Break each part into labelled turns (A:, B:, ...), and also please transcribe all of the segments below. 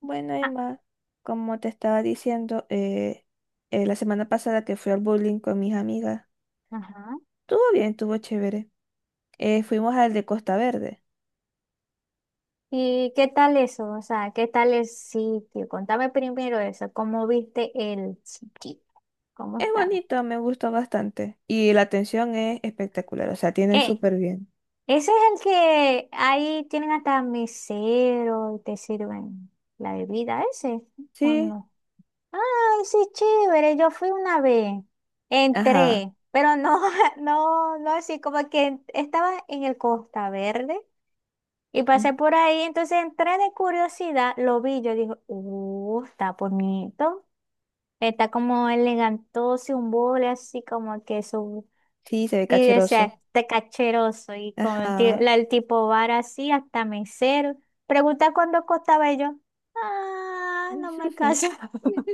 A: Bueno,
B: Ah,
A: Emma, como te estaba diciendo la semana pasada que fui al bowling con mis amigas,
B: ajá.
A: estuvo bien, estuvo chévere. Fuimos al de Costa Verde.
B: ¿Y qué tal eso? O sea, ¿qué tal el sitio? Contame primero eso. ¿Cómo viste el sitio? ¿Cómo
A: Es
B: estaba?
A: bonito, me gustó bastante. Y la atención es espectacular, o sea, tienen
B: Eh,
A: súper bien.
B: Ese es el que ahí tienen hasta mesero y te sirven la bebida, ese, ¿o
A: Sí,
B: no? Ay, sí, chévere. Yo fui una vez.
A: ajá.
B: Entré, pero no, no, no así como que estaba en el Costa Verde. Y
A: Mm.
B: pasé por ahí, entonces entré de curiosidad, lo vi, yo dije, está bonito. Está como elegantoso, un bole así como que su...
A: Sí, se ve
B: Y
A: cacheroso.
B: decía, está cacheroso. Y con el,
A: Ajá.
B: el tipo bar así, hasta mesero. Pregunta cuánto costaba y yo. Ah, no me alcanza.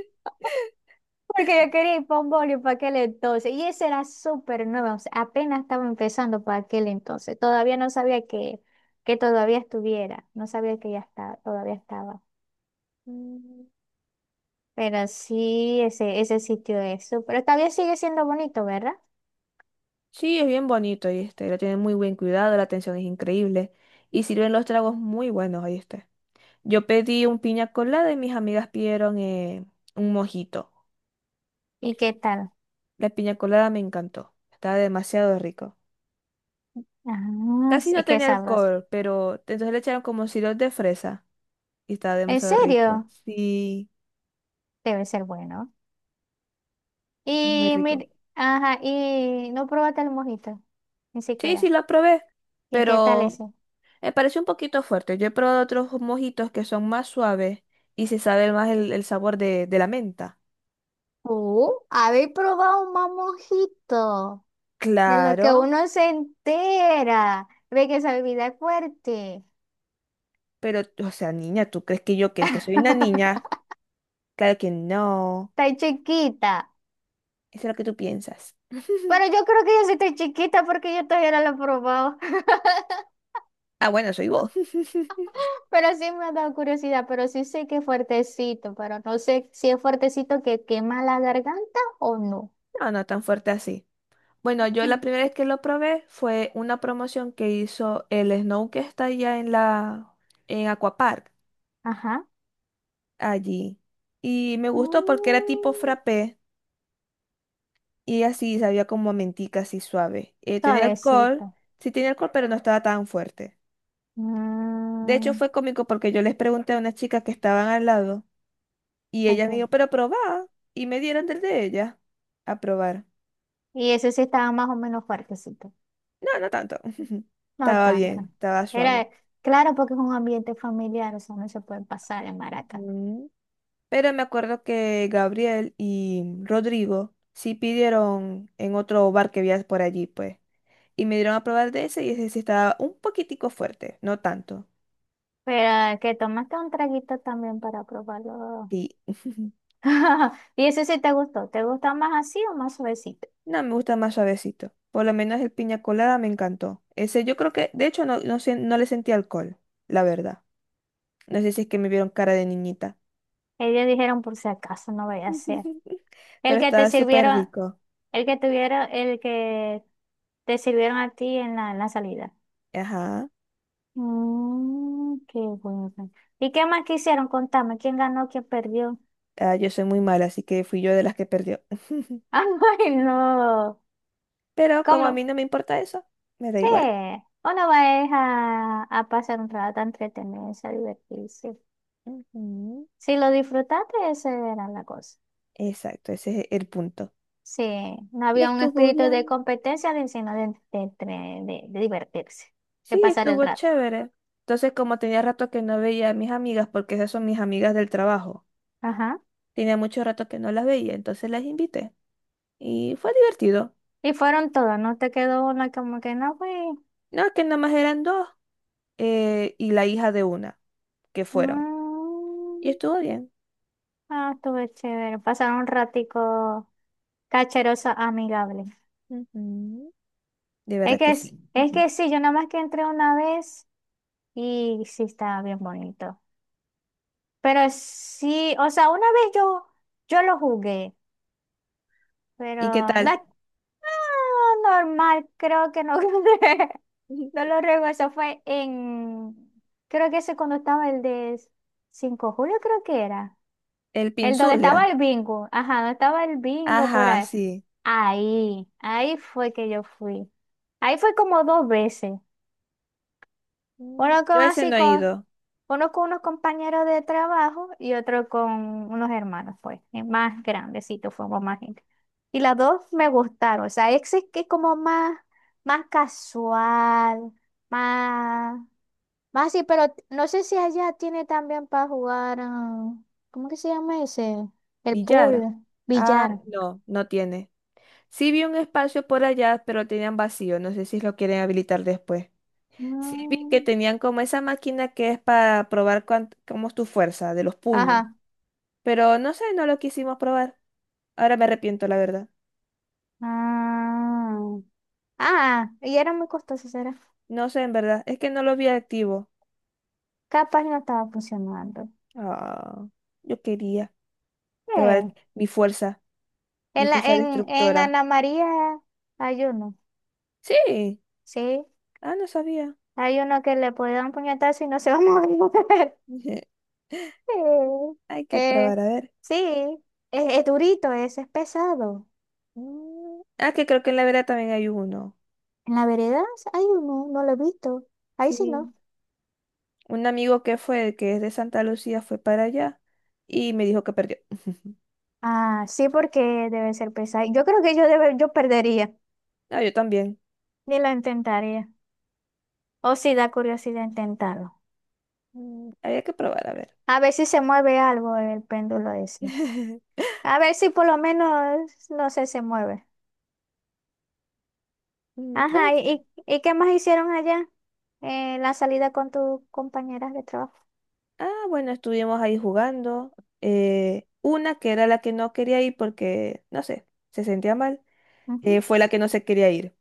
B: Porque yo quería ir para un boli para aquel entonces. Y ese era súper nuevo. O sea, apenas estaba empezando para aquel entonces. Todavía no sabía que todavía estuviera. No sabía que ya estaba, todavía estaba.
A: Mm.
B: Pero sí, ese sitio es súper. Todavía sigue siendo bonito, ¿verdad?
A: Sí, es bien bonito, ahí está. Lo tienen muy buen cuidado, la atención es increíble. Y sirven los tragos muy buenos, ahí. Yo pedí un piña colada y mis amigas pidieron un mojito.
B: ¿Y qué tal?
A: La piña colada me encantó. Estaba demasiado rico.
B: Ah, sí,
A: Casi no
B: es que
A: tenía
B: sabroso.
A: alcohol, pero entonces le echaron como sirope de fresa y estaba
B: ¿En
A: demasiado rico.
B: serio?
A: Sí,
B: Debe ser bueno.
A: es muy
B: Y
A: rico.
B: ajá, y no probaste el mojito. Ni
A: Sí, sí,
B: siquiera.
A: lo probé,
B: ¿Y qué tal
A: pero
B: ese?
A: me pareció un poquito fuerte. Yo he probado otros mojitos que son más suaves y se sabe más el sabor de la menta.
B: Habéis probado un mamojito. De lo que
A: Claro,
B: uno se entera. Ve que esa bebida es fuerte.
A: pero, o sea, niña, ¿tú crees que yo que soy una niña? Claro que no.
B: Está chiquita.
A: Eso es lo que tú piensas.
B: Pero yo creo que yo sí estoy chiquita porque yo todavía no lo he probado.
A: Ah, bueno, soy vos.
B: Pero sí me ha dado curiosidad. Pero sí sé que es fuertecito. Pero no sé si es fuertecito que quema la garganta o no.
A: No, no tan fuerte así. Bueno, yo la
B: Sí.
A: primera vez que lo probé fue una promoción que hizo el Snow que está allá en la en Aquapark,
B: Ajá.
A: allí. Y me gustó porque era
B: Mm,
A: tipo frappé y así sabía como a mentica así suave. Tenía alcohol,
B: suavecito.
A: sí tenía alcohol, pero no estaba tan fuerte. De hecho,
B: Mm,
A: fue cómico porque yo les pregunté a unas chicas que estaban al lado y ellas me
B: ok.
A: dijo, pero probá. Y me dieron del de ella a probar.
B: Y ese sí estaba más o menos fuertecito.
A: No, no tanto.
B: No
A: Estaba
B: tanto.
A: bien, estaba suave.
B: Era, claro, porque es un ambiente familiar, o sea, no se puede pasar en maraca.
A: Mm. Pero me acuerdo que Gabriel y Rodrigo sí pidieron en otro bar que había por allí, pues. Y me dieron a probar de ese y ese sí estaba un poquitico fuerte, no tanto.
B: Pero que tomaste un traguito también para probarlo.
A: Sí.
B: Y eso sí te gustó. ¿Te gusta más así o más suavecito?
A: No, me gusta más suavecito. Por lo menos el piña colada me encantó. Ese yo creo que, de hecho, no, no, no le sentí alcohol, la verdad. No sé si es que me vieron cara de niñita.
B: Ellos dijeron por si acaso no voy a hacer. El
A: Pero
B: que te
A: estaba súper
B: sirvieron,
A: rico.
B: el que tuvieron, el que te sirvieron a ti en la salida.
A: Ajá.
B: Mm, qué bueno. ¿Y qué más quisieron? Contame, ¿quién ganó, quién perdió?
A: Ah, yo soy muy mala, así que fui yo de las que perdió.
B: Ay, no.
A: Pero como a mí
B: ¿Cómo?
A: no me importa eso, me da
B: Sí,
A: igual.
B: uno va es a pasar un rato, a entretenerse, a divertirse.
A: Ujú.
B: Si lo disfrutaste, esa era la cosa.
A: Exacto, ese es el punto.
B: Sí, no
A: Y
B: había un
A: estuvo
B: espíritu de
A: bien.
B: competencia, sino de divertirse, de
A: Sí,
B: pasar el
A: estuvo
B: rato.
A: chévere. Entonces, como tenía rato que no veía a mis amigas, porque esas son mis amigas del trabajo,
B: Ajá.
A: tenía mucho rato que no las veía, entonces las invité. Y fue divertido.
B: Y fueron todos, no te quedó una como que no fui.
A: No, que nada más eran dos y la hija de una que fueron. Y
B: Mm,
A: estuvo bien.
B: ah, estuve chévere. Pasaron un ratico cacheroso, amigable.
A: Ujú. De
B: Es
A: verdad
B: que,
A: que sí.
B: es
A: Ujú.
B: que sí, yo nada más que entré una vez y sí estaba bien bonito. Pero sí, o sea, una vez yo, yo lo jugué,
A: ¿Y qué
B: pero no,
A: tal?
B: ah, normal, creo que no, no lo recuerdo, eso fue en, creo que ese cuando estaba el de 5 de julio, creo que era,
A: El
B: el donde
A: Pinzulia.
B: estaba el bingo, ajá, donde estaba el bingo por
A: Ajá,
B: ahí,
A: sí.
B: ahí, ahí fue que yo fui, ahí fue como dos veces,
A: Mm.
B: bueno, como
A: Yo ese
B: así,
A: no he
B: con
A: ido.
B: uno con unos compañeros de trabajo y otro con unos hermanos, pues, más grandecitos, fuimos más gente. Y las dos me gustaron, o sea, ese es que es como más, más casual, más, más así, pero no sé si allá tiene también para jugar, ah, ¿cómo que se llama ese? El
A: Villar.
B: pool,
A: Ah,
B: billar.
A: no, no tiene. Sí vi un espacio por allá, pero tenían vacío. No sé si lo quieren habilitar después. Sí vi que
B: Mm,
A: tenían como esa máquina que es para probar cómo es tu fuerza de los puños.
B: ajá.
A: Pero no sé, no lo quisimos probar. Ahora me arrepiento, la verdad.
B: Ah, ah, y era muy costoso, será.
A: No sé, en verdad. Es que no lo vi activo.
B: Capaz no estaba funcionando.
A: Ah, yo quería probar
B: Sí.
A: mi
B: En la,
A: fuerza
B: en
A: destructora.
B: Ana María hay uno,
A: Sí.
B: ¿sí?
A: Ah, no sabía.
B: Hay uno que le puede dar un puñetazo y no se va a mover.
A: Ujú.
B: Sí,
A: Hay que
B: eh,
A: probar, a ver.
B: sí, es durito, ese es pesado.
A: Mm. Ah, que creo que en la vera también hay uno.
B: En la vereda hay uno, no lo he visto. Ahí sí
A: Sí.
B: no.
A: Un amigo que fue, que es de Santa Lucía, fue para allá y me dijo que perdió.
B: Ah, sí, porque debe ser pesado. Yo creo que yo, debe, yo perdería,
A: Ah, yo también.
B: ni lo intentaría. O si da curiosidad intentarlo.
A: Mm. Había que probar, a ver.
B: A ver si se mueve algo el péndulo ese. A ver si por lo menos, no sé, se mueve.
A: Mm. Puede
B: Ajá,
A: ser.
B: y qué más hicieron allá en la salida con tus compañeras de trabajo?
A: Ah, bueno, estuvimos ahí jugando. Una que era la que no quería ir porque, no sé, se sentía mal,
B: Ujú.
A: fue la que no se quería ir.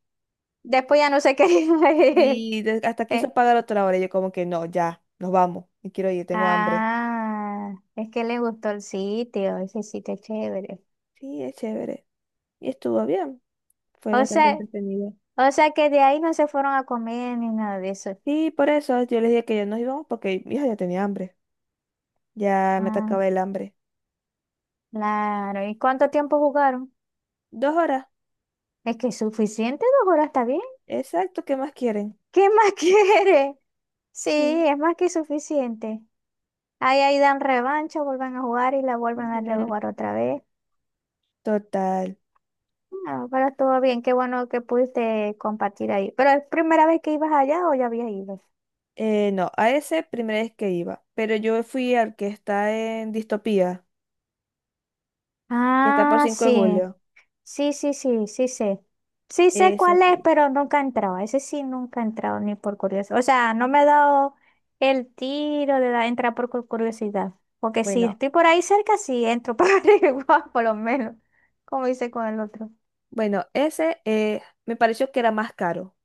B: Después ya no sé qué.
A: Y hasta quiso
B: Eh,
A: pagar otra hora. Yo como que no, ya, nos vamos. Me quiero ir, tengo hambre.
B: Ah, es que le gustó el sitio, ese sitio es chévere.
A: Sí, es chévere. Y estuvo bien, fue
B: O
A: bastante
B: sea,
A: entretenido.
B: o sea que de ahí no se fueron a comer ni nada de eso.
A: Y por eso yo les dije que ya nos íbamos porque mi hija ya tenía hambre, ya me
B: Ah,
A: atacaba el hambre.
B: claro. ¿Y cuánto tiempo jugaron?
A: 2 horas,
B: Es que es suficiente, dos horas está bien.
A: exacto, ¿qué más quieren?
B: ¿Qué más quiere? Sí,
A: Mm.
B: es más que suficiente. Ahí, ahí dan revancha, vuelven a jugar y la vuelven a
A: Ujú.
B: rejugar otra vez.
A: Total.
B: No, pero todo bien, qué bueno que pudiste compartir ahí. ¿Pero es primera vez que ibas allá o ya habías ido?
A: No, a ese primera vez que iba, pero yo fui al que está en Distopía, que está por
B: Ah,
A: 5 de
B: sí,
A: julio.
B: sí, sí, sí, sí sé. Sí sé
A: Ese
B: cuál es,
A: fui.
B: pero nunca he entrado. Ese sí nunca he entrado, ni por curiosidad. O sea, no me he dado el tiro de entrar por curiosidad. Porque si
A: Bueno,
B: estoy por ahí cerca, sí entro para averiguar, por lo menos, como hice con el otro.
A: bueno, ese me pareció que era más caro.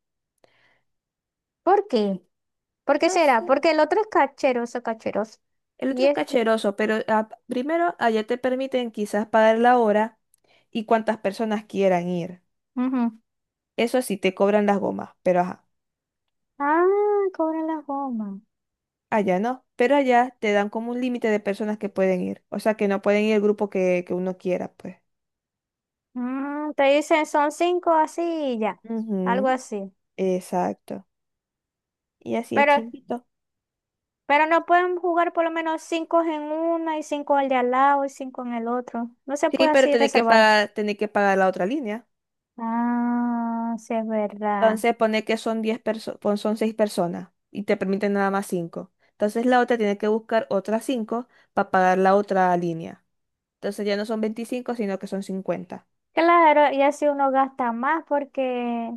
B: ¿Por qué? ¿Por qué será? Porque el otro es cacheroso, cacheroso.
A: El
B: Y
A: otro es
B: este.
A: cacheroso, pero ah, primero allá te permiten quizás pagar la hora y cuántas personas quieran ir. Eso sí, te cobran las gomas, pero ajá,
B: Ah, cobran las gomas.
A: allá no. Pero allá te dan como un límite de personas que pueden ir. O sea, que no pueden ir el grupo que uno quiera, pues.
B: Mm, te dicen son cinco así y ya, algo
A: Ujú.
B: así.
A: Exacto. Y así es
B: Pero,
A: chimbito.
B: pero no pueden jugar por lo menos cinco en una y cinco al de al lado y cinco en el otro. No se
A: Sí,
B: puede
A: pero
B: así reservar.
A: tenés que pagar la otra línea.
B: Ah, sí es verdad.
A: Entonces pone que son 10 personas, son 6 personas y te permiten nada más 5. Entonces la otra tiene que buscar otras 5 para pagar la otra línea. Entonces ya no son 25 sino que son 50.
B: Claro, y así uno gasta más porque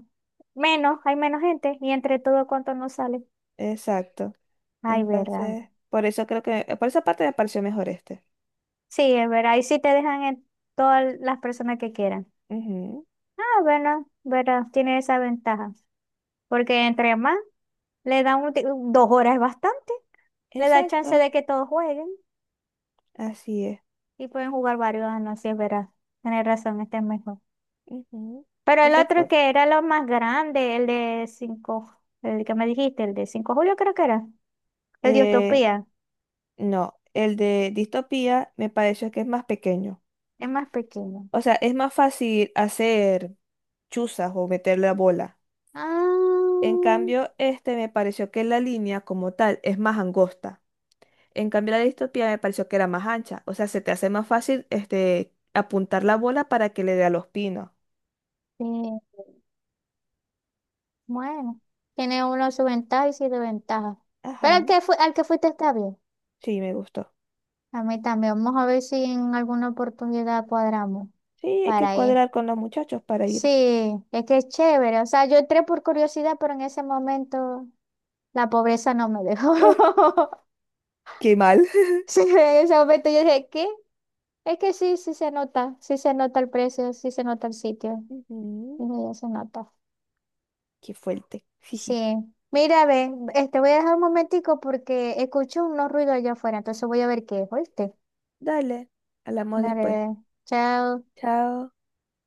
B: menos, hay menos gente y entre todo cuánto no sale.
A: Exacto.
B: Ay, verdad.
A: Entonces, por eso creo que, por esa parte me pareció mejor este.
B: Sí, es verdad. Y sí te dejan en todas las personas que quieran.
A: Ujú.
B: Ah, bueno, verdad, tiene esa ventaja. Porque entre más le dan un dos horas es bastante. Le da chance
A: Exacto.
B: de que todos jueguen
A: Así es.
B: y pueden jugar varios años, sí, es verdad. Tienes razón, este es mejor.
A: Ujú.
B: Pero el
A: Entonces,
B: otro
A: pues,
B: que era lo más grande, el de 5 el que me dijiste, el de 5 julio creo que era. El de
A: eh,
B: Utopía,
A: no, el de distopía me pareció que es más pequeño.
B: es más pequeño.
A: O sea, es más fácil hacer chuzas o meter la bola. En
B: Ah,
A: cambio, este me pareció que la línea como tal es más angosta. En cambio, la distopía me pareció que era más ancha. O sea, se te hace más fácil este, apuntar la bola para que le dé a los pinos.
B: sí. Bueno, tiene uno su ventaja y su desventaja. Pero
A: Ajá,
B: al que, al que fuiste está bien.
A: sí, me gustó.
B: A mí también. Vamos a ver si en alguna oportunidad cuadramos
A: Sí, hay que
B: para ir.
A: cuadrar con los muchachos para ir.
B: Sí, es que es chévere. O sea, yo entré por curiosidad, pero en ese momento la pobreza no me dejó.
A: Ah, qué mal.
B: Sí, en ese momento yo dije, ¿qué? Es que sí, sí se nota el precio, sí se nota el sitio.
A: Ujú.
B: Dije, ya se nota.
A: Qué fuerte. Jiji.
B: Sí. Mira, ve, este voy a dejar un momentico porque escucho unos ruidos allá afuera, entonces voy a ver qué es, ¿oíste?
A: Dale, hablamos después.
B: Dale, chao.
A: Chao.